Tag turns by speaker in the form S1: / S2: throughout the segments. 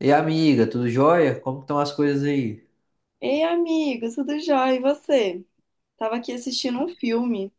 S1: E amiga, tudo jóia? Como estão as coisas aí?
S2: Ei, amigo, tudo jóia? E você? Tava aqui assistindo um filme.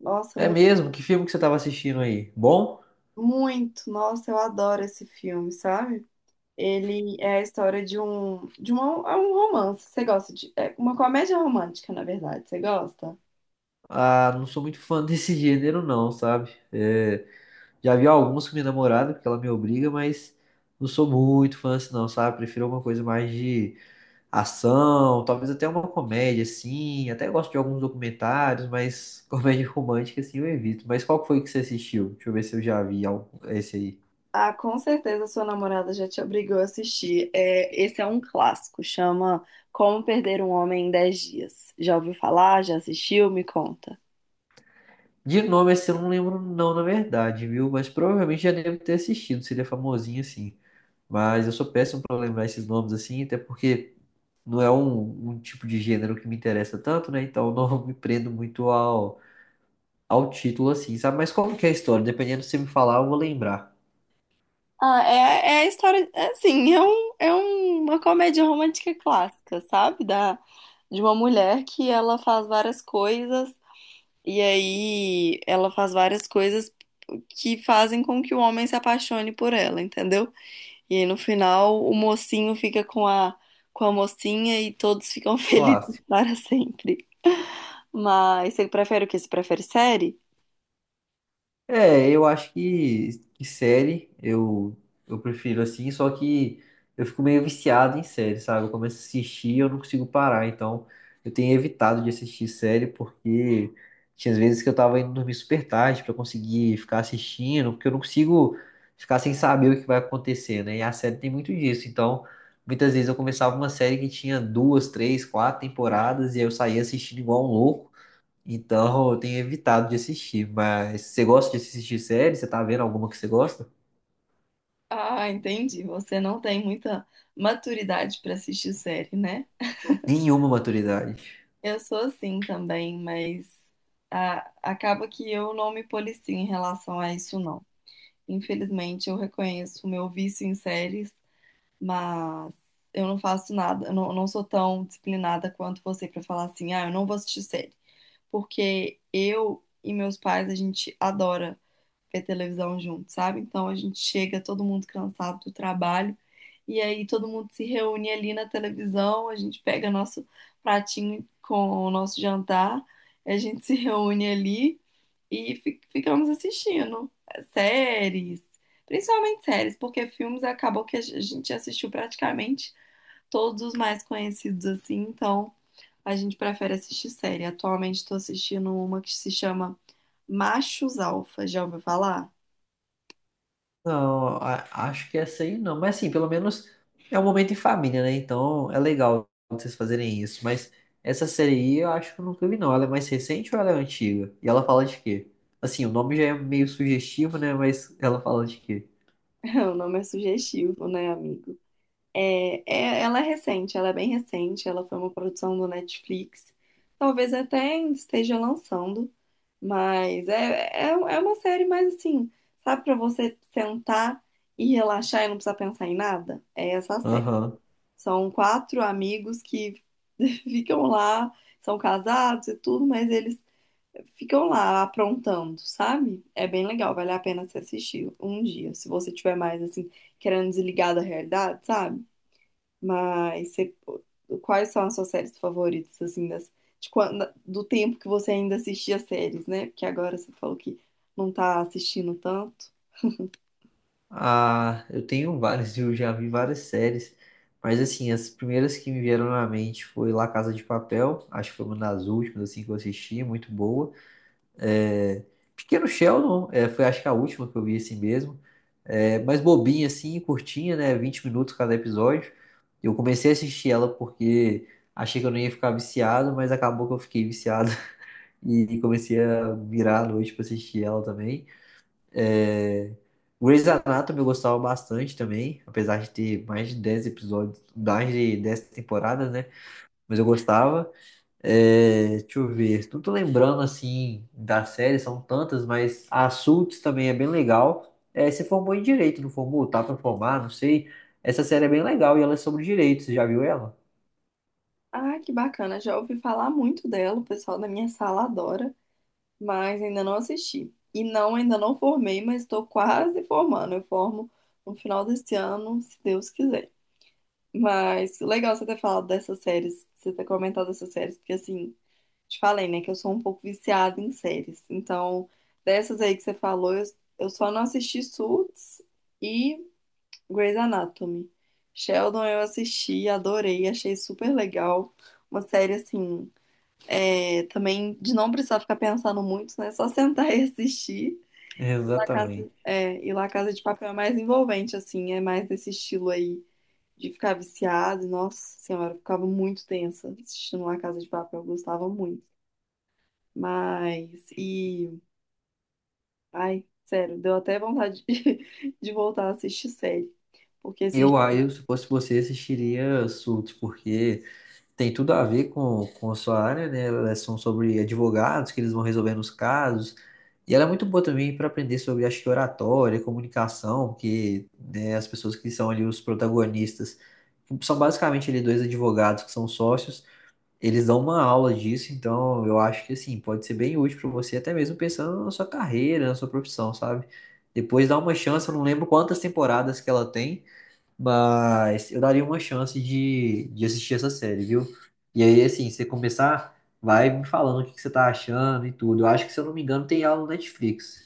S2: Nossa,
S1: É
S2: muito,
S1: mesmo? Que filme que você estava assistindo aí? Bom?
S2: muito. Nossa, eu adoro esse filme, sabe? Ele é a história de um, de uma, é um romance. É uma comédia romântica, na verdade. Você gosta?
S1: Ah, não sou muito fã desse gênero não, sabe? É, já vi alguns com minha namorada, porque ela me obriga, mas não sou muito fã assim não, sabe? Prefiro alguma coisa mais de ação, talvez até uma comédia, assim. Até gosto de alguns documentários, mas comédia romântica, assim, eu evito. Mas qual que foi que você assistiu? Deixa eu ver se eu já vi esse aí.
S2: Ah, com certeza sua namorada já te obrigou a assistir. É, esse é um clássico, chama Como Perder um Homem em Dez Dias. Já ouviu falar? Já assistiu? Me conta.
S1: De nome assim eu não lembro não, na verdade, viu? Mas provavelmente já devo ter assistido, se ele é famosinho assim. Mas eu sou péssimo pra lembrar esses nomes assim, até porque não é um tipo de gênero que me interessa tanto, né? Então eu não me prendo muito ao, ao título assim, sabe? Mas como que é a história? Dependendo do que você me falar, eu vou lembrar.
S2: Ah, é a história, é assim, uma comédia romântica clássica, sabe? De uma mulher que ela faz várias coisas, e aí ela faz várias coisas que fazem com que o homem se apaixone por ela, entendeu? E aí, no final o mocinho fica com a mocinha e todos ficam felizes
S1: Claro.
S2: para sempre. Mas você prefere o quê? Você prefere série?
S1: É, eu acho que, que série eu prefiro assim, só que eu fico meio viciado em série, sabe? Eu começo a assistir e eu não consigo parar, então eu tenho evitado de assistir série porque tinha vezes que eu tava indo dormir super tarde pra conseguir ficar assistindo, porque eu não consigo ficar sem saber o que vai acontecer, né? E a série tem muito disso, então muitas vezes eu começava uma série que tinha duas, três, quatro temporadas e aí eu saía assistindo igual um louco. Então eu tenho evitado de assistir, mas você gosta de assistir série? Você tá vendo alguma que você gosta?
S2: Ah, entendi. Você não tem muita maturidade para assistir série, né?
S1: Nenhuma maturidade.
S2: Eu sou assim também, mas ah, acaba que eu não me policio em relação a isso, não. Infelizmente, eu reconheço o meu vício em séries, mas eu não faço nada, eu não, não sou tão disciplinada quanto você para falar assim, ah, eu não vou assistir série. Porque eu e meus pais, a gente adora ver televisão junto, sabe? Então a gente chega todo mundo cansado do trabalho e aí todo mundo se reúne ali na televisão, a gente pega nosso pratinho com o nosso jantar, a gente se reúne ali e ficamos assistindo séries, principalmente séries, porque filmes acabou que a gente assistiu praticamente todos os mais conhecidos assim, então a gente prefere assistir série. Atualmente estou assistindo uma que se chama Machos Alfa, já ouviu falar?
S1: Não, acho que essa aí não. Mas assim, pelo menos é um momento em família, né? Então é legal vocês fazerem isso. Mas essa série aí eu acho que eu nunca vi, não. Ela é mais recente ou ela é antiga? E ela fala de quê? Assim, o nome já é meio sugestivo, né? Mas ela fala de quê?
S2: O nome é sugestivo, né, amigo? Ela é recente, ela é bem recente, ela foi uma produção do Netflix. Talvez até esteja lançando, mas é uma série mais assim, sabe, pra você sentar e relaxar e não precisar pensar em nada? É essa a série.
S1: Aham.
S2: São quatro amigos que ficam lá, são casados e tudo, mas eles ficam lá aprontando, sabe? É bem legal, vale a pena se assistir um dia, se você tiver mais assim, querendo desligar da realidade, sabe? Mas você- quais são as suas séries favoritas, assim, das, de quando, do tempo que você ainda assistia séries, né? Porque agora você falou que não tá assistindo tanto.
S1: Ah, eu tenho várias, eu já vi várias séries, mas assim, as primeiras que me vieram na mente foi La Casa de Papel, acho que foi uma das últimas assim que eu assisti, muito boa. É, Pequeno Sheldon, é, foi acho que a última que eu vi assim mesmo, é, mas bobinha assim, curtinha, né, 20 minutos cada episódio. Eu comecei a assistir ela porque achei que eu não ia ficar viciado, mas acabou que eu fiquei viciado e comecei a virar a noite pra assistir ela também. É... Grey's Anatomy eu gostava bastante também, apesar de ter mais de 10 episódios, mais de 10 temporadas, né? Mas eu gostava. É... Deixa eu ver, não tô lembrando assim da série, são tantas, mas a Suits também é bem legal. É, se formou em direito, não formou? Tá pra formar, não sei. Essa série é bem legal e ela é sobre direito, você já viu ela?
S2: Ah, que bacana, já ouvi falar muito dela, o pessoal da minha sala adora, mas ainda não assisti. E não, ainda não formei, mas estou quase formando. Eu formo no final desse ano, se Deus quiser. Mas legal você ter falado dessas séries, você ter comentado essas séries, porque assim, te falei, né, que eu sou um pouco viciada em séries. Então, dessas aí que você falou, eu só não assisti Suits e Grey's Anatomy. Sheldon eu assisti, adorei, achei super legal. Uma série assim, também de não precisar ficar pensando muito, né? Só sentar e assistir. La Casa,
S1: Exatamente.
S2: é, e La Casa de Papel é mais envolvente, assim, é mais desse estilo aí de ficar viciado. Nossa senhora, eu ficava muito tensa assistindo La Casa de Papel, eu gostava muito. Mas, ai, sério, deu até vontade de voltar a assistir série. Porque esses dias.
S1: Se fosse você, assistiria Suits, porque tem tudo a ver com a sua área, né? Elas são sobre advogados, que eles vão resolvendo os casos. E ela é muito boa também para aprender sobre, acho que, oratória, comunicação, porque né, as pessoas que são ali os protagonistas são basicamente ali dois advogados que são sócios. Eles dão uma aula disso, então eu acho que, assim, pode ser bem útil para você, até mesmo pensando na sua carreira, na sua profissão, sabe? Depois dá uma chance, eu não lembro quantas temporadas que ela tem, mas eu daria uma chance de assistir essa série, viu? E aí, assim, você começar, vai me falando o que que você tá achando e tudo. Eu acho que, se eu não me engano, tem aula no Netflix.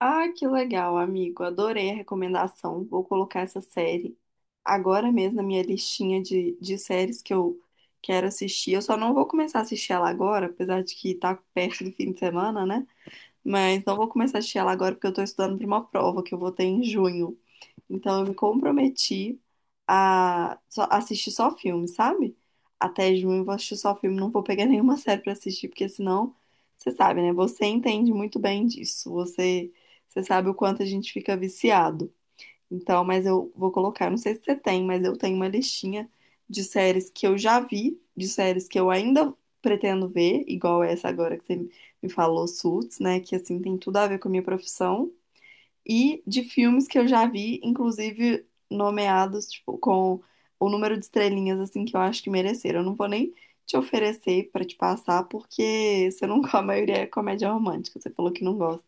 S2: Ah, que legal, amigo, adorei a recomendação. Vou colocar essa série agora mesmo na minha listinha de séries que eu quero assistir. Eu só não vou começar a assistir ela agora, apesar de que tá perto do fim de semana, né? Mas não vou começar a assistir ela agora porque eu tô estudando pra uma prova que eu vou ter em junho. Então eu me comprometi a assistir só filme, sabe? Até junho eu vou assistir só filme, não vou pegar nenhuma série pra assistir, porque senão, você sabe, né? Você entende muito bem disso. Você sabe o quanto a gente fica viciado. Então, mas eu vou colocar, não sei se você tem, mas eu tenho uma listinha de séries que eu já vi, de séries que eu ainda pretendo ver, igual essa agora que você me falou, Suits, né? Que assim tem tudo a ver com a minha profissão e de filmes que eu já vi, inclusive nomeados, tipo, com o número de estrelinhas, assim, que eu acho que mereceram. Eu não vou nem te oferecer pra te passar, porque você não, a maioria é comédia romântica, você falou que não gosta.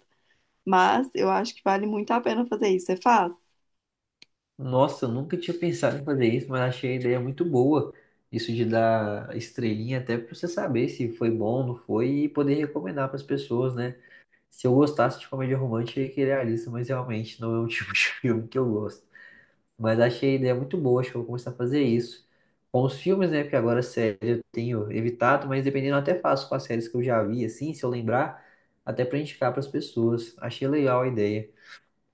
S2: Mas eu acho que vale muito a pena fazer isso. Você faz?
S1: Nossa, eu nunca tinha pensado em fazer isso, mas achei a ideia muito boa. Isso de dar estrelinha até pra você saber se foi bom, não foi, e poder recomendar para as pessoas, né? Se eu gostasse de comédia romântica, eu ia querer a lista, mas realmente não é um tipo de filme que eu gosto. Mas achei a ideia muito boa, acho que eu vou começar a fazer isso. Com os filmes, né? Porque agora série eu tenho evitado, mas dependendo eu até faço com as séries que eu já vi, assim, se eu lembrar, até pra indicar pras pessoas. Achei legal a ideia.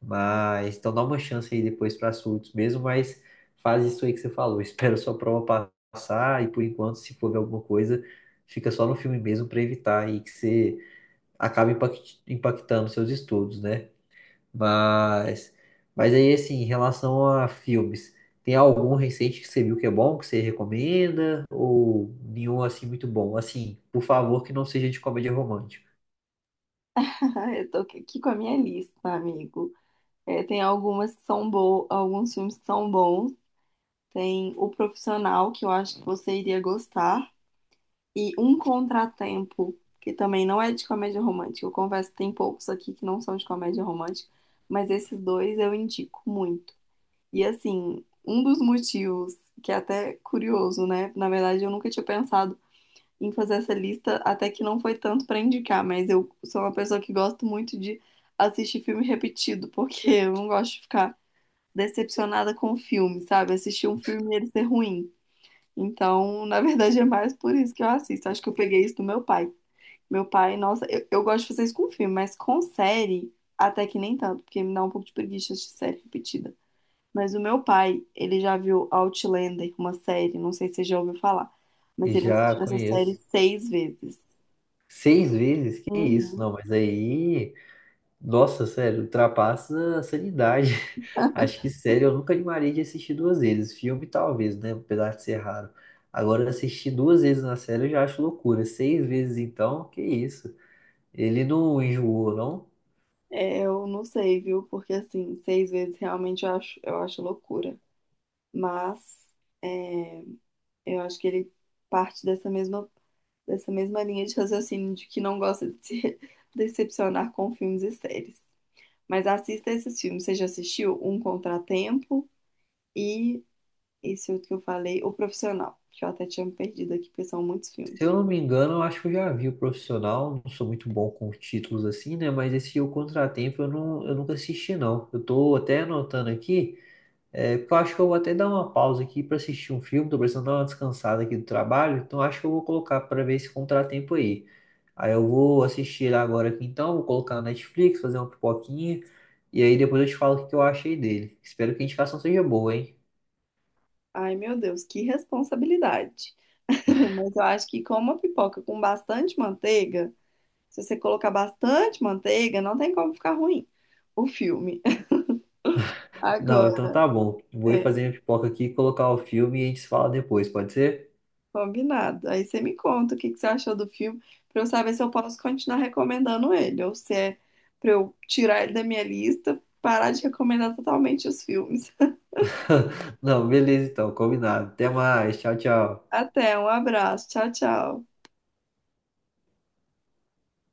S1: Mas então dá uma chance aí depois pra surtos mesmo, mas faz isso aí que você falou. Espera a sua prova passar e por enquanto, se for ver alguma coisa, fica só no filme mesmo pra evitar aí que você acabe impactando seus estudos, né? Mas, mas aí, assim, em relação a filmes, tem algum recente que você viu que é bom, que você recomenda? Ou nenhum, assim, muito bom? Assim, por favor, que não seja de comédia romântica.
S2: Eu tô aqui com a minha lista, amigo. É, tem algumas que são boas, alguns filmes que são bons. Tem O Profissional, que eu acho que você iria gostar. E Um Contratempo, que também não é de comédia romântica. Eu confesso que tem poucos aqui que não são de comédia romântica, mas esses dois eu indico muito. E assim, um dos motivos, que é até curioso, né? Na verdade, eu nunca tinha pensado em fazer essa lista, até que não foi tanto pra indicar, mas eu sou uma pessoa que gosto muito de assistir filme repetido, porque eu não gosto de ficar decepcionada com o filme, sabe? Assistir um filme e ele ser ruim. Então, na verdade, é mais por isso que eu assisto. Acho que eu peguei isso do meu pai. Meu pai, nossa, eu gosto de fazer isso com filme, mas com série, até que nem tanto, porque me dá um pouco de preguiça de série repetida. Mas o meu pai, ele já viu Outlander, uma série, não sei se você já ouviu falar, mas ele
S1: Já
S2: assistiu essa série
S1: conheço.
S2: seis vezes.
S1: Seis vezes? Que isso?
S2: Uhum.
S1: Não, mas aí, nossa, sério, ultrapassa a sanidade. Acho que, sério, eu nunca animaria de assistir duas vezes. Filme, talvez, né? Apesar de ser raro. Agora, assistir duas vezes na série eu já acho loucura. Seis vezes, então, que isso? Ele não enjoou, não.
S2: É, eu não sei, viu? Porque assim, seis vezes realmente eu acho, loucura. Mas é, eu acho que ele parte dessa mesma linha de raciocínio de que não gosta de se decepcionar com filmes e séries. Mas assista esses filmes. Você já assistiu Um Contratempo e esse outro que eu falei, O Profissional, que eu até tinha me perdido aqui, porque são muitos
S1: Se
S2: filmes.
S1: eu não me engano, eu acho que eu já vi o profissional. Não sou muito bom com títulos assim, né? Mas esse O Contratempo eu, não, eu nunca assisti, não. Eu tô até anotando aqui, é, porque eu acho que eu vou até dar uma pausa aqui para assistir um filme. Tô precisando dar uma descansada aqui do trabalho, então acho que eu vou colocar para ver esse contratempo aí. Aí eu vou assistir ele agora aqui então, vou colocar na Netflix, fazer uma pipoquinha, e aí depois eu te falo o que que eu achei dele. Espero que a indicação seja boa, hein?
S2: Ai, meu Deus, que responsabilidade. Mas eu acho que com uma pipoca com bastante manteiga, se você colocar bastante manteiga, não tem como ficar ruim o filme.
S1: Não, então
S2: Agora,
S1: tá bom. Vou ir
S2: é.
S1: fazer minha pipoca aqui, colocar o filme e a gente se fala depois, pode ser?
S2: Combinado. Aí você me conta o que que você achou do filme, pra eu saber se eu posso continuar recomendando ele, ou se é pra eu tirar ele da minha lista, parar de recomendar totalmente os filmes.
S1: Não, beleza então, combinado. Até mais, tchau, tchau.
S2: Até, um abraço. Tchau, tchau.